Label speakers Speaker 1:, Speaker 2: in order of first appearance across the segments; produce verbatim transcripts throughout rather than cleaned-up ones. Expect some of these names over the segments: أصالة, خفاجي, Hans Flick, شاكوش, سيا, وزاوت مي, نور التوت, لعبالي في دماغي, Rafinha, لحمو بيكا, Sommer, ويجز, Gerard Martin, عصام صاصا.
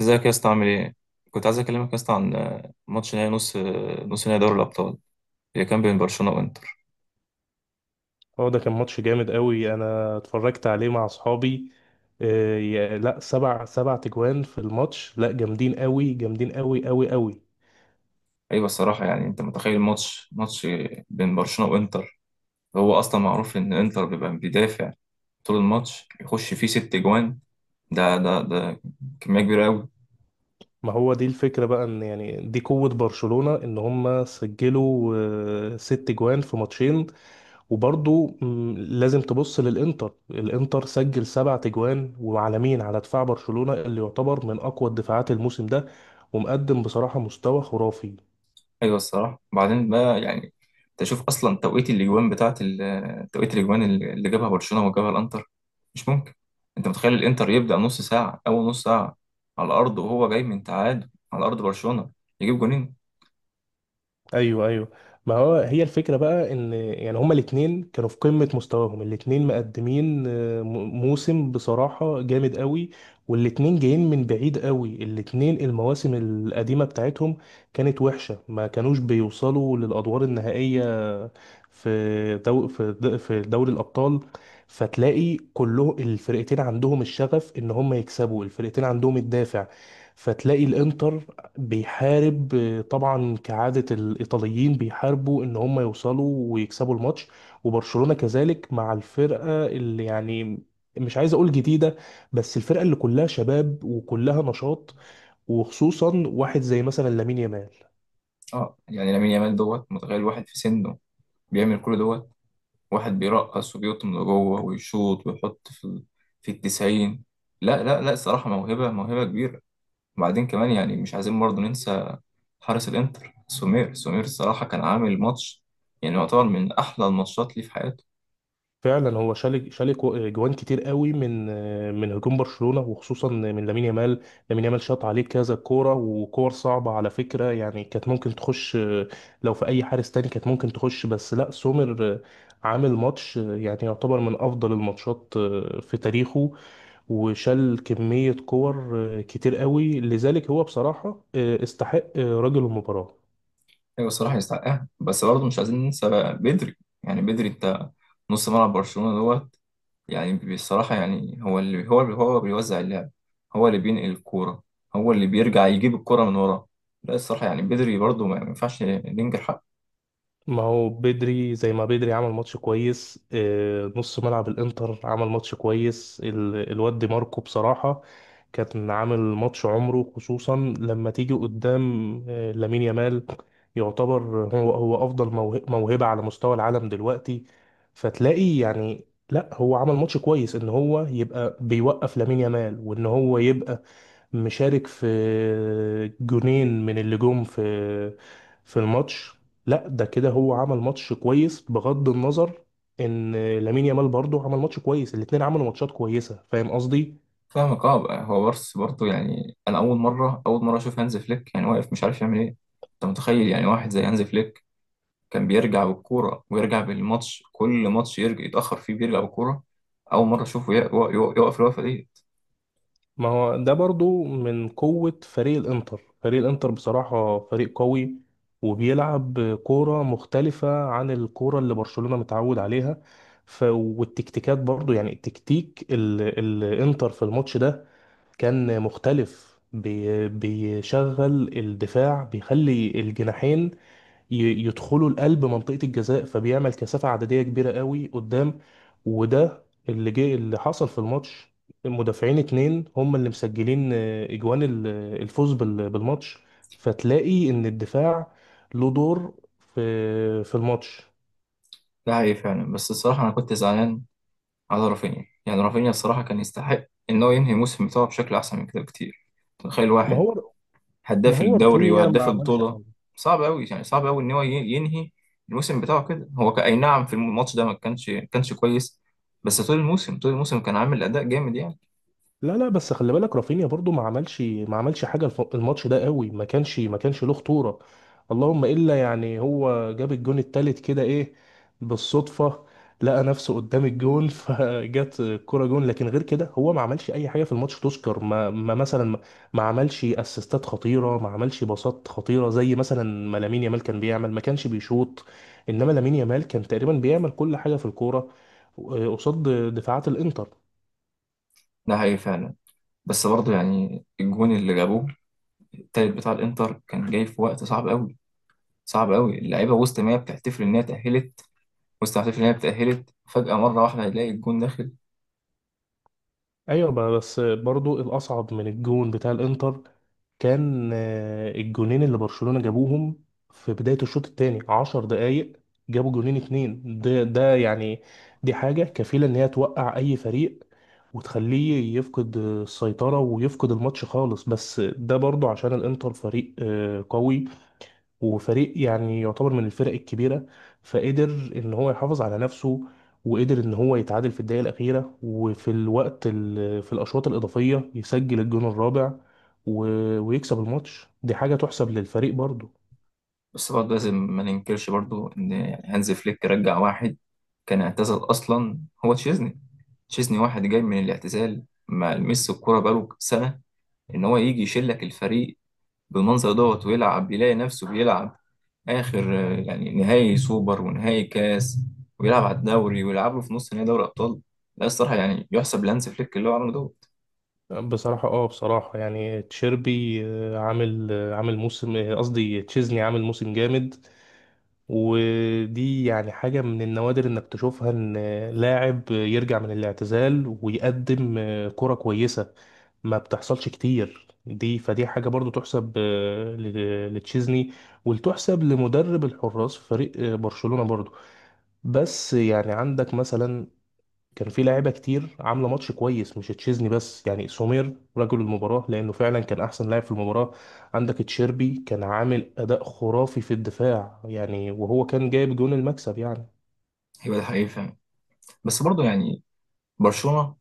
Speaker 1: ازيك يا اسطى عامل ايه؟ كنت عايز اكلمك يا اسطى عن آه، ماتش نهائي نص آه، نص نهائي دوري الابطال اللي كان بين برشلونه وانتر.
Speaker 2: هو ده كان ماتش جامد قوي. انا اتفرجت عليه مع اصحابي. آه، يا- لا، سبع سبع تجوان في الماتش، لا، جامدين قوي، جامدين قوي قوي قوي.
Speaker 1: ايوه الصراحه يعني انت متخيل ماتش ماتش بين برشلونه وانتر. هو اصلا معروف ان انتر بيبقى بيدافع طول الماتش يخش فيه ست جوان. ده ده ده كميه كبيره قوي.
Speaker 2: ما هو دي الفكرة بقى، ان يعني دي قوة برشلونة، ان هم سجلوا آه، ست جوان في ماتشين. وبرضو مم، لازم تبص للانتر. الانتر سجل سبع تجوان، وعلى مين؟ على دفاع برشلونة اللي يعتبر من اقوى الدفاعات الموسم ده، ومقدم بصراحة مستوى خرافي.
Speaker 1: ايوه الصراحه بعدين بقى يعني تشوف اصلا توقيت الاجوان بتاعت ال- توقيت الاجوان اللي جابها برشلونه وجابها الانتر. مش ممكن. انت متخيل الانتر يبدا نص ساعه اول نص ساعه على الارض وهو جاي من تعادل على ارض برشلونه يجيب جونين.
Speaker 2: ايوه، ايوه. ما هو هي الفكره بقى، ان يعني هما الاثنين كانوا في قمه مستواهم. الاثنين مقدمين آه، م- موسم بصراحه جامد قوي. والاثنين جايين من بعيد قوي. الاثنين المواسم القديمه بتاعتهم كانت وحشه، ما كانوش بيوصلوا للادوار النهائيه في دو في د- في دوري الابطال. فتلاقي كله الفرقتين عندهم الشغف ان هم يكسبوا، الفرقتين عندهم الدافع. فتلاقي الانتر بيحارب، آه، طبعا كعادة الإيطاليين بيحاربوا إن هم يوصلوا ويكسبوا الماتش. وبرشلونة كذلك، مع الفرقة اللي يعني مش عايز أقول جديدة، بس الفرقة اللي كلها شباب وكلها نشاط، وخصوصا واحد زي مثلا لامين يامال.
Speaker 1: اه يعني لامين يامال دوت متخيل واحد في سنه بيعمل كل دوت واحد بيرقص وبيطم لجوه ويشوط ويحط في ال- في التسعين. لا لا لا الصراحه موهبه موهبه كبيره. وبعدين كمان يعني مش عايزين برضه ننسى حارس الانتر سومير. سومير الصراحه كان عامل ماتش يعني يعتبر من احلى الماتشات ليه في حياته.
Speaker 2: فعلا هو شال شال كو- جوان كتير قوي من من هجوم برشلونة، وخصوصا من لامين يامال. لامين يامال شاط عليه كذا كورة، وكور صعبة على فكرة، يعني كانت ممكن تخش. لو في أي حارس تاني كانت ممكن تخش، بس لا، سومر عامل ماتش يعني يعتبر من أفضل الماتشات في تاريخه، وشال كمية كور كتير قوي. لذلك هو بصراحة آه، استحق آه، رجل المباراة.
Speaker 1: ايوه الصراحه يستحقها بس برضه مش عايزين ننسى بقى بدري. يعني بدري انت نص ملعب برشلونه دوت يعني بصراحه يعني هو اللي هو اللي هو بيوزع اللعب، هو اللي بينقل الكوره، هو اللي بيرجع يجيب الكوره من ورا. لا الصراحه يعني بدري برضه ما ما ينفعش ننكر حقه.
Speaker 2: ما هو بدري زي ما بدري عمل ماتش كويس. آه، نص ملعب الانتر عمل ماتش كويس. ال- الواد دي ماركو بصراحة كان عامل ماتش عمره، خصوصا لما تيجي قدام آه، لامين يامال. يعتبر هو هو افضل موه- موهبة على مستوى العالم دلوقتي. فتلاقي يعني، لا، هو عمل ماتش كويس ان هو يبقى بيوقف لامين يامال، وان هو يبقى مشارك في جونين من اللي جم في في الماتش. لا، ده كده هو عمل ماتش كويس بغض النظر ان لامين يامال برضه عمل ماتش كويس. الاتنين عملوا ماتشات كويسة، فاهم قصدي؟
Speaker 1: فاهمك اه بقى هو بس برضه يعني انا اول مره اول مره اشوف هانز فليك يعني واقف مش عارف يعمل ايه. انت متخيل يعني واحد زي هانز فليك كان بيرجع بالكورة ويرجع بالماتش كل ماتش يرجع يتأخر فيه بيرجع بالكورة. أول مرة أشوفه يق- يق- يق- يقف الوقفة دي.
Speaker 2: ما هو ده برضه من قوة فريق الانتر. فريق الانتر بصراحة فريق قوي، وبيلعب كورة مختلفة عن الكورة اللي برشلونة متعود عليها. ف... والتكتيكات برضو، يعني التكتيك ال... الانتر في الماتش ده كان مختلف، بي- بيشغل الدفاع، بيخلي الجناحين ي- يدخلوا القلب، منطقة الجزاء، فبيعمل كثافة عددية كبيرة قوي قدام. وده اللي جه اللي حصل في الماتش. المدافعين اتنين هم اللي مسجلين آه، اجوان ال- الفوز بال- بالماتش. فتلاقي ان الدفاع له دور في في الماتش.
Speaker 1: ده حقيقي فعلا بس الصراحة أنا كنت زعلان على رافينيا. يعني رافينيا الصراحة كان يستحق إن هو ينهي الموسم بتاعه بشكل أحسن من كده بكتير. تخيل
Speaker 2: ما
Speaker 1: واحد
Speaker 2: هو ما
Speaker 1: هداف
Speaker 2: هو
Speaker 1: الدوري
Speaker 2: رافينيا ما
Speaker 1: وهداف
Speaker 2: عملش
Speaker 1: البطولة.
Speaker 2: حاجة.
Speaker 1: صعب أوي يعني صعب أوي إن هو ي- ينهي الموسم بتاعه كده. هو ك- أي نعم في الماتش ده ما كانش كانش كويس. بس طول الموسم طول الموسم كان عامل أداء جامد يعني.
Speaker 2: لا، لا، بس خلي بالك، رافينيا برضو ما عملش ما عملش حاجه. الف- الماتش ده قوي، ما كانش ما كانش له خطوره. اللهم الا يعني هو جاب الجون التالت كده، ايه، بالصدفه، لقى نفسه قدام الجون فجت الكرة جون. لكن غير كده هو ما عملش اي حاجه في الماتش تذكر. ما, ما مثلا ما ما عملش اسيستات خطيره، ما عملش باصات خطيره، زي مثلا ما لامين يامال كان بيعمل. ما كانش بيشوط، انما لامين يامال كان تقريبا بيعمل كل حاجه في الكوره قصاد دفاعات الانتر.
Speaker 1: ده حقيقي فعلا بس برضه يعني الجون اللي جابوه التالت بتاع الانتر كان جاي في وقت صعب قوي. صعب قوي اللعيبه وسط ما هي بتحتفل ان هي اتاهلت. وسط ما بتحتفل ان هي اتاهلت فجاه مره واحده هيلاقي الجون داخل.
Speaker 2: ايوه بقى، بس برضو الاصعب من الجون بتاع الانتر كان آه، الجونين اللي برشلونة جابوهم في بداية الشوط الثاني، عشر دقايق جابوا جونين اتنين، ده ده يعني دي حاجة كفيلة ان هي توقع اي فريق وتخليه يفقد السيطرة ويفقد الماتش خالص. بس ده برضو عشان الانتر فريق آه، قوي، وفريق يعني يعتبر من الفرق الكبيرة، فقدر ان هو يحافظ على نفسه، وقدر ان هو يتعادل في الدقيقة الأخيرة، وفي الوقت ال- في الأشواط الإضافية يسجل الجون الرابع و- ويكسب الماتش. دي حاجة تحسب للفريق برضو.
Speaker 1: بس برضه لازم ما ننكرش برضه ان يعني هانز فليك رجع واحد كان اعتزل اصلا. هو تشيزني. تشيزني واحد جاي من الاعتزال ما لمس الكوره بقاله سنه ان هو يجي يشيل لك الفريق بالمنظر دوت ويلعب يلاقي نفسه بيلعب آخر آه، يعني نهائي سوبر ونهائي كاس ويلعب على الدوري ويلعب له في نص نهائي دوري أبطال. لا الصراحة يعني يحسب لهانز فليك اللي هو عمله دوت
Speaker 2: بصراحة، اه بصراحة يعني تشيربي، آه، عامل آه، عامل موسم، آه، قصدي تشيزني، عامل موسم جامد. ودي يعني حاجة من النوادر انك تشوفها، ان آه، لاعب آه، يرجع من الاعتزال ويقدم آه، كرة كويسة. ما بتحصلش كتير دي، فدي حاجة برضو تحسب آه، ل- لتشيزني، وتحسب لمدرب الحراس في فريق آه، برشلونة برضو. بس يعني عندك مثلا كان في لاعيبة كتير عاملة ماتش كويس، مش تشيزني بس، يعني سومير رجل المباراة لأنه فعلا كان أحسن لاعب في المباراة. عندك تشيربي كان عامل أداء خرافي في الدفاع يعني، وهو كان جايب جون المكسب يعني.
Speaker 1: هيبقى ده حقيقي فعلا بس برضه يعني برشلونة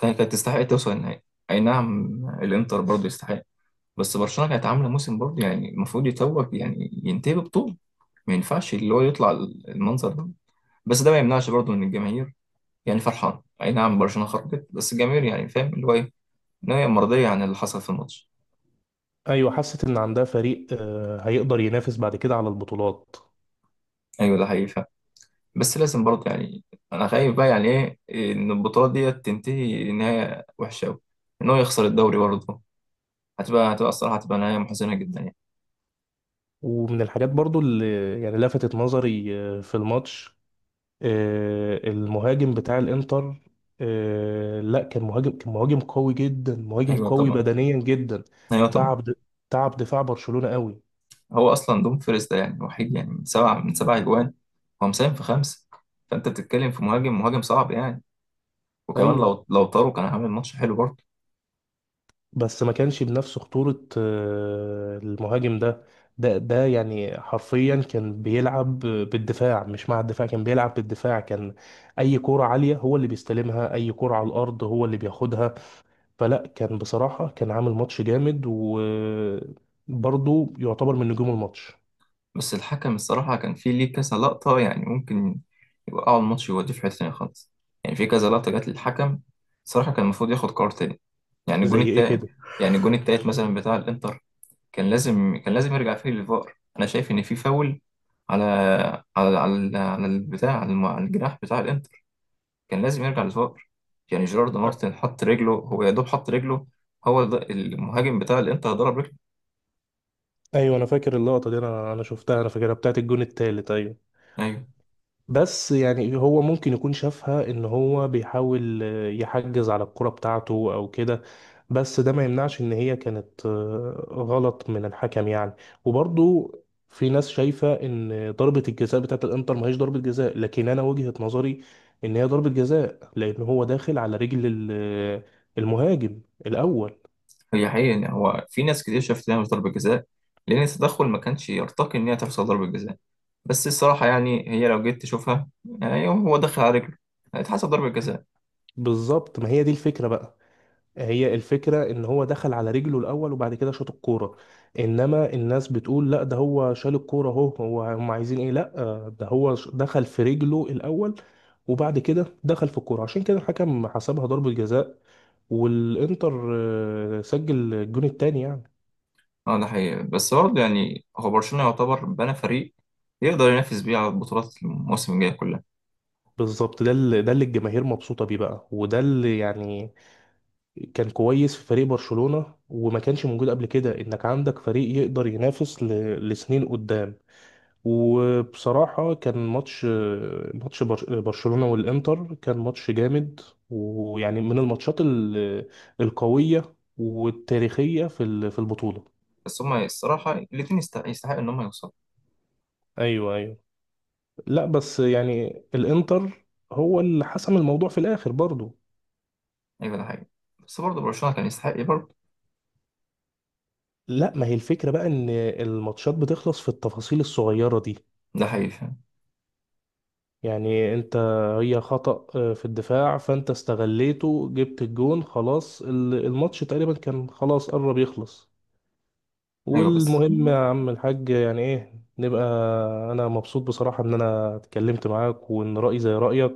Speaker 1: كانت كانت تستحق توصل النهائي. أي نعم الإنتر برضه يستحق بس برشلونة كانت عاملة موسم برضه يعني المفروض يتوج يعني ينتهي ببطولة. ما ينفعش اللي هو يطلع المنظر ده. بس ده ما يمنعش برضه ان الجماهير يعني فرحان. اي نعم برشلونه خرجت بس الجماهير يعني فاهم اللي هو ايه. نهايه مرضيه عن اللي حصل في الماتش.
Speaker 2: أيوة، حست إن عندها فريق آه، هيقدر ينافس بعد كده على البطولات.
Speaker 1: ايوه ده حقيقي فعلا. بس لازم برضه يعني انا خايف بقى يعني ايه ان البطوله ديت تنتهي نهايه وحشه قوي. ان هو يخسر الدوري برضه. هتبقى هتبقى الصراحه هتبقى نهايه محزنه جدا يعني.
Speaker 2: ومن الحاجات برضو اللي يعني لفتت نظري آه، في الماتش، آه، المهاجم بتاع الانتر، آه، لا، كان مهاجم كان مهاجم قوي جدا، مهاجم
Speaker 1: ايوه
Speaker 2: قوي
Speaker 1: طبعا.
Speaker 2: بدنيا جدا.
Speaker 1: ايوه طبعا.
Speaker 2: تعب د- تعب دفاع برشلونة قوي.
Speaker 1: هو اصلا دوم فيرست ده يعني وحيد يعني من سبعه من سبع اجوان هو مساهم في خمسه. فانت بتتكلم في مهاجم مهاجم صعب يعني. وكمان
Speaker 2: ايوه،
Speaker 1: لو لو طاروا كان هيعمل ماتش حلو برضه.
Speaker 2: بس ما كانش بنفس خطورة آه، المهاجم ده ده ده يعني حرفيا كان بيلعب بالدفاع، مش مع الدفاع. كان بيلعب بالدفاع، كان اي كرة عالية هو اللي بيستلمها، اي كرة على الارض هو اللي بياخدها. فلا، كان بصراحة كان عامل ماتش جامد، وبرضه يعتبر من نجوم الماتش.
Speaker 1: بس الحكم الصراحة كان في ليه كذا لقطة يعني ممكن يوقعوا الماتش ويوديه في حتة تانية خالص. يعني في كذا لقطة جت للحكم الصراحة كان المفروض ياخد قرار تاني. يعني الجون
Speaker 2: زي ايه
Speaker 1: التالت.
Speaker 2: كده؟
Speaker 1: يعني الجون التالت مثلا بتاع الإنتر كان لازم كان لازم يرجع فيه للفار. أنا شايف إن في فاول على على على على البتاع على الم- على الجناح بتاع الإنتر كان لازم يرجع للفار. يعني جيرارد
Speaker 2: أ-
Speaker 1: مارتن حط رجله هو يا دوب حط رجله هو ده- المهاجم بتاع الإنتر ضرب رجله.
Speaker 2: ايوه، انا فاكر اللقطة دي، انا انا شفتها، انا فاكرها بتاعت الجون التالت، ايوه.
Speaker 1: أيوه.
Speaker 2: بس يعني هو ممكن يكون شافها ان هو بيحاول آه، يحجز على الكرة بتاعته او كده، بس ده ما يمنعش ان هي كانت آه، غلط من الحكم يعني. وبرضو في ناس شايفة ان ضربة الجزاء بتاعت الانتر ما هيش ضربة جزاء، لكن انا وجهة نظري ان هي ضربة جزاء لان هو داخل على رجل ال- المهاجم الاول.
Speaker 1: هي حقيقة إن هو في ناس كتير شافت إنها مش ضربة جزاء لأن التدخل ما كانش يرتقي إن هي تحصل ضربة جزاء. بس الصراحة يعني هي لو جيت تشوفها يعني هو دخل على رجله هيتحسب ضربة جزاء.
Speaker 2: بالظبط، ما هي دي الفكرة بقى. هي الفكرة ان هو دخل على رجله الاول وبعد كده شاط الكورة. انما الناس بتقول لا، ده هو شال الكورة اهو. هو هم عايزين ايه؟ لا، آه، ده هو ش- دخل في رجله الاول، وبعد كده دخل في الكورة، عشان كده الحكم حسبها ضربة جزاء. والانتر آه، سجل الجون التاني يعني.
Speaker 1: اه ده حقيقي بس برضه يعني هو برشلونة يعتبر بنى فريق يقدر ينافس بيه على البطولات الموسم الجاي كلها.
Speaker 2: بالظبط، ده اللي ده اللي الجماهير مبسوطة بيه بقى. وده اللي يعني كان كويس في فريق برشلونة، وما كانش موجود قبل كده، انك عندك فريق يقدر ينافس ل- لسنين قدام. وبصراحة كان ماتش، ماتش بر- برشلونة والإنتر كان ماتش جامد، ويعني من الماتشات ال- القوية والتاريخية في ال- في البطولة.
Speaker 1: بس هما الصراحة الاتنين يستحق يستحق إن هما يوصلوا.
Speaker 2: أيوه، أيوه، لا، بس يعني الإنتر هو اللي حسم الموضوع في الآخر برضو.
Speaker 1: أيوة ده حقيقي بس برضه برشلونة كان يستحق إيه برضه.
Speaker 2: لا، ما هي الفكرة بقى، إن الماتشات بتخلص في التفاصيل الصغيرة دي.
Speaker 1: ده حقيقي فعلا.
Speaker 2: يعني انت، هي خطأ آه، في الدفاع، فانت استغليته، جبت الجون، خلاص، ال- الماتش تقريبا كان خلاص قرب يخلص.
Speaker 1: أيوة بس.
Speaker 2: والمهم يا عم الحاج، يعني ايه، نبقى. انا مبسوط بصراحة ان انا اتكلمت معاك وان رأيي زي رأيك،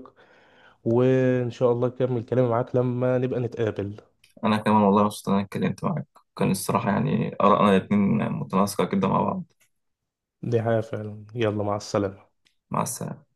Speaker 2: وان شاء الله اكمل كلامي معاك لما نبقى نتقابل.
Speaker 1: أنا كمان والله مبسوط إن أنا اتكلمت معاك. كان الصراحة يعني آرائنا الاتنين متناسقة كده مع بعض.
Speaker 2: دي حاجة فعلا. يلا، مع السلامة.
Speaker 1: مع السلامة.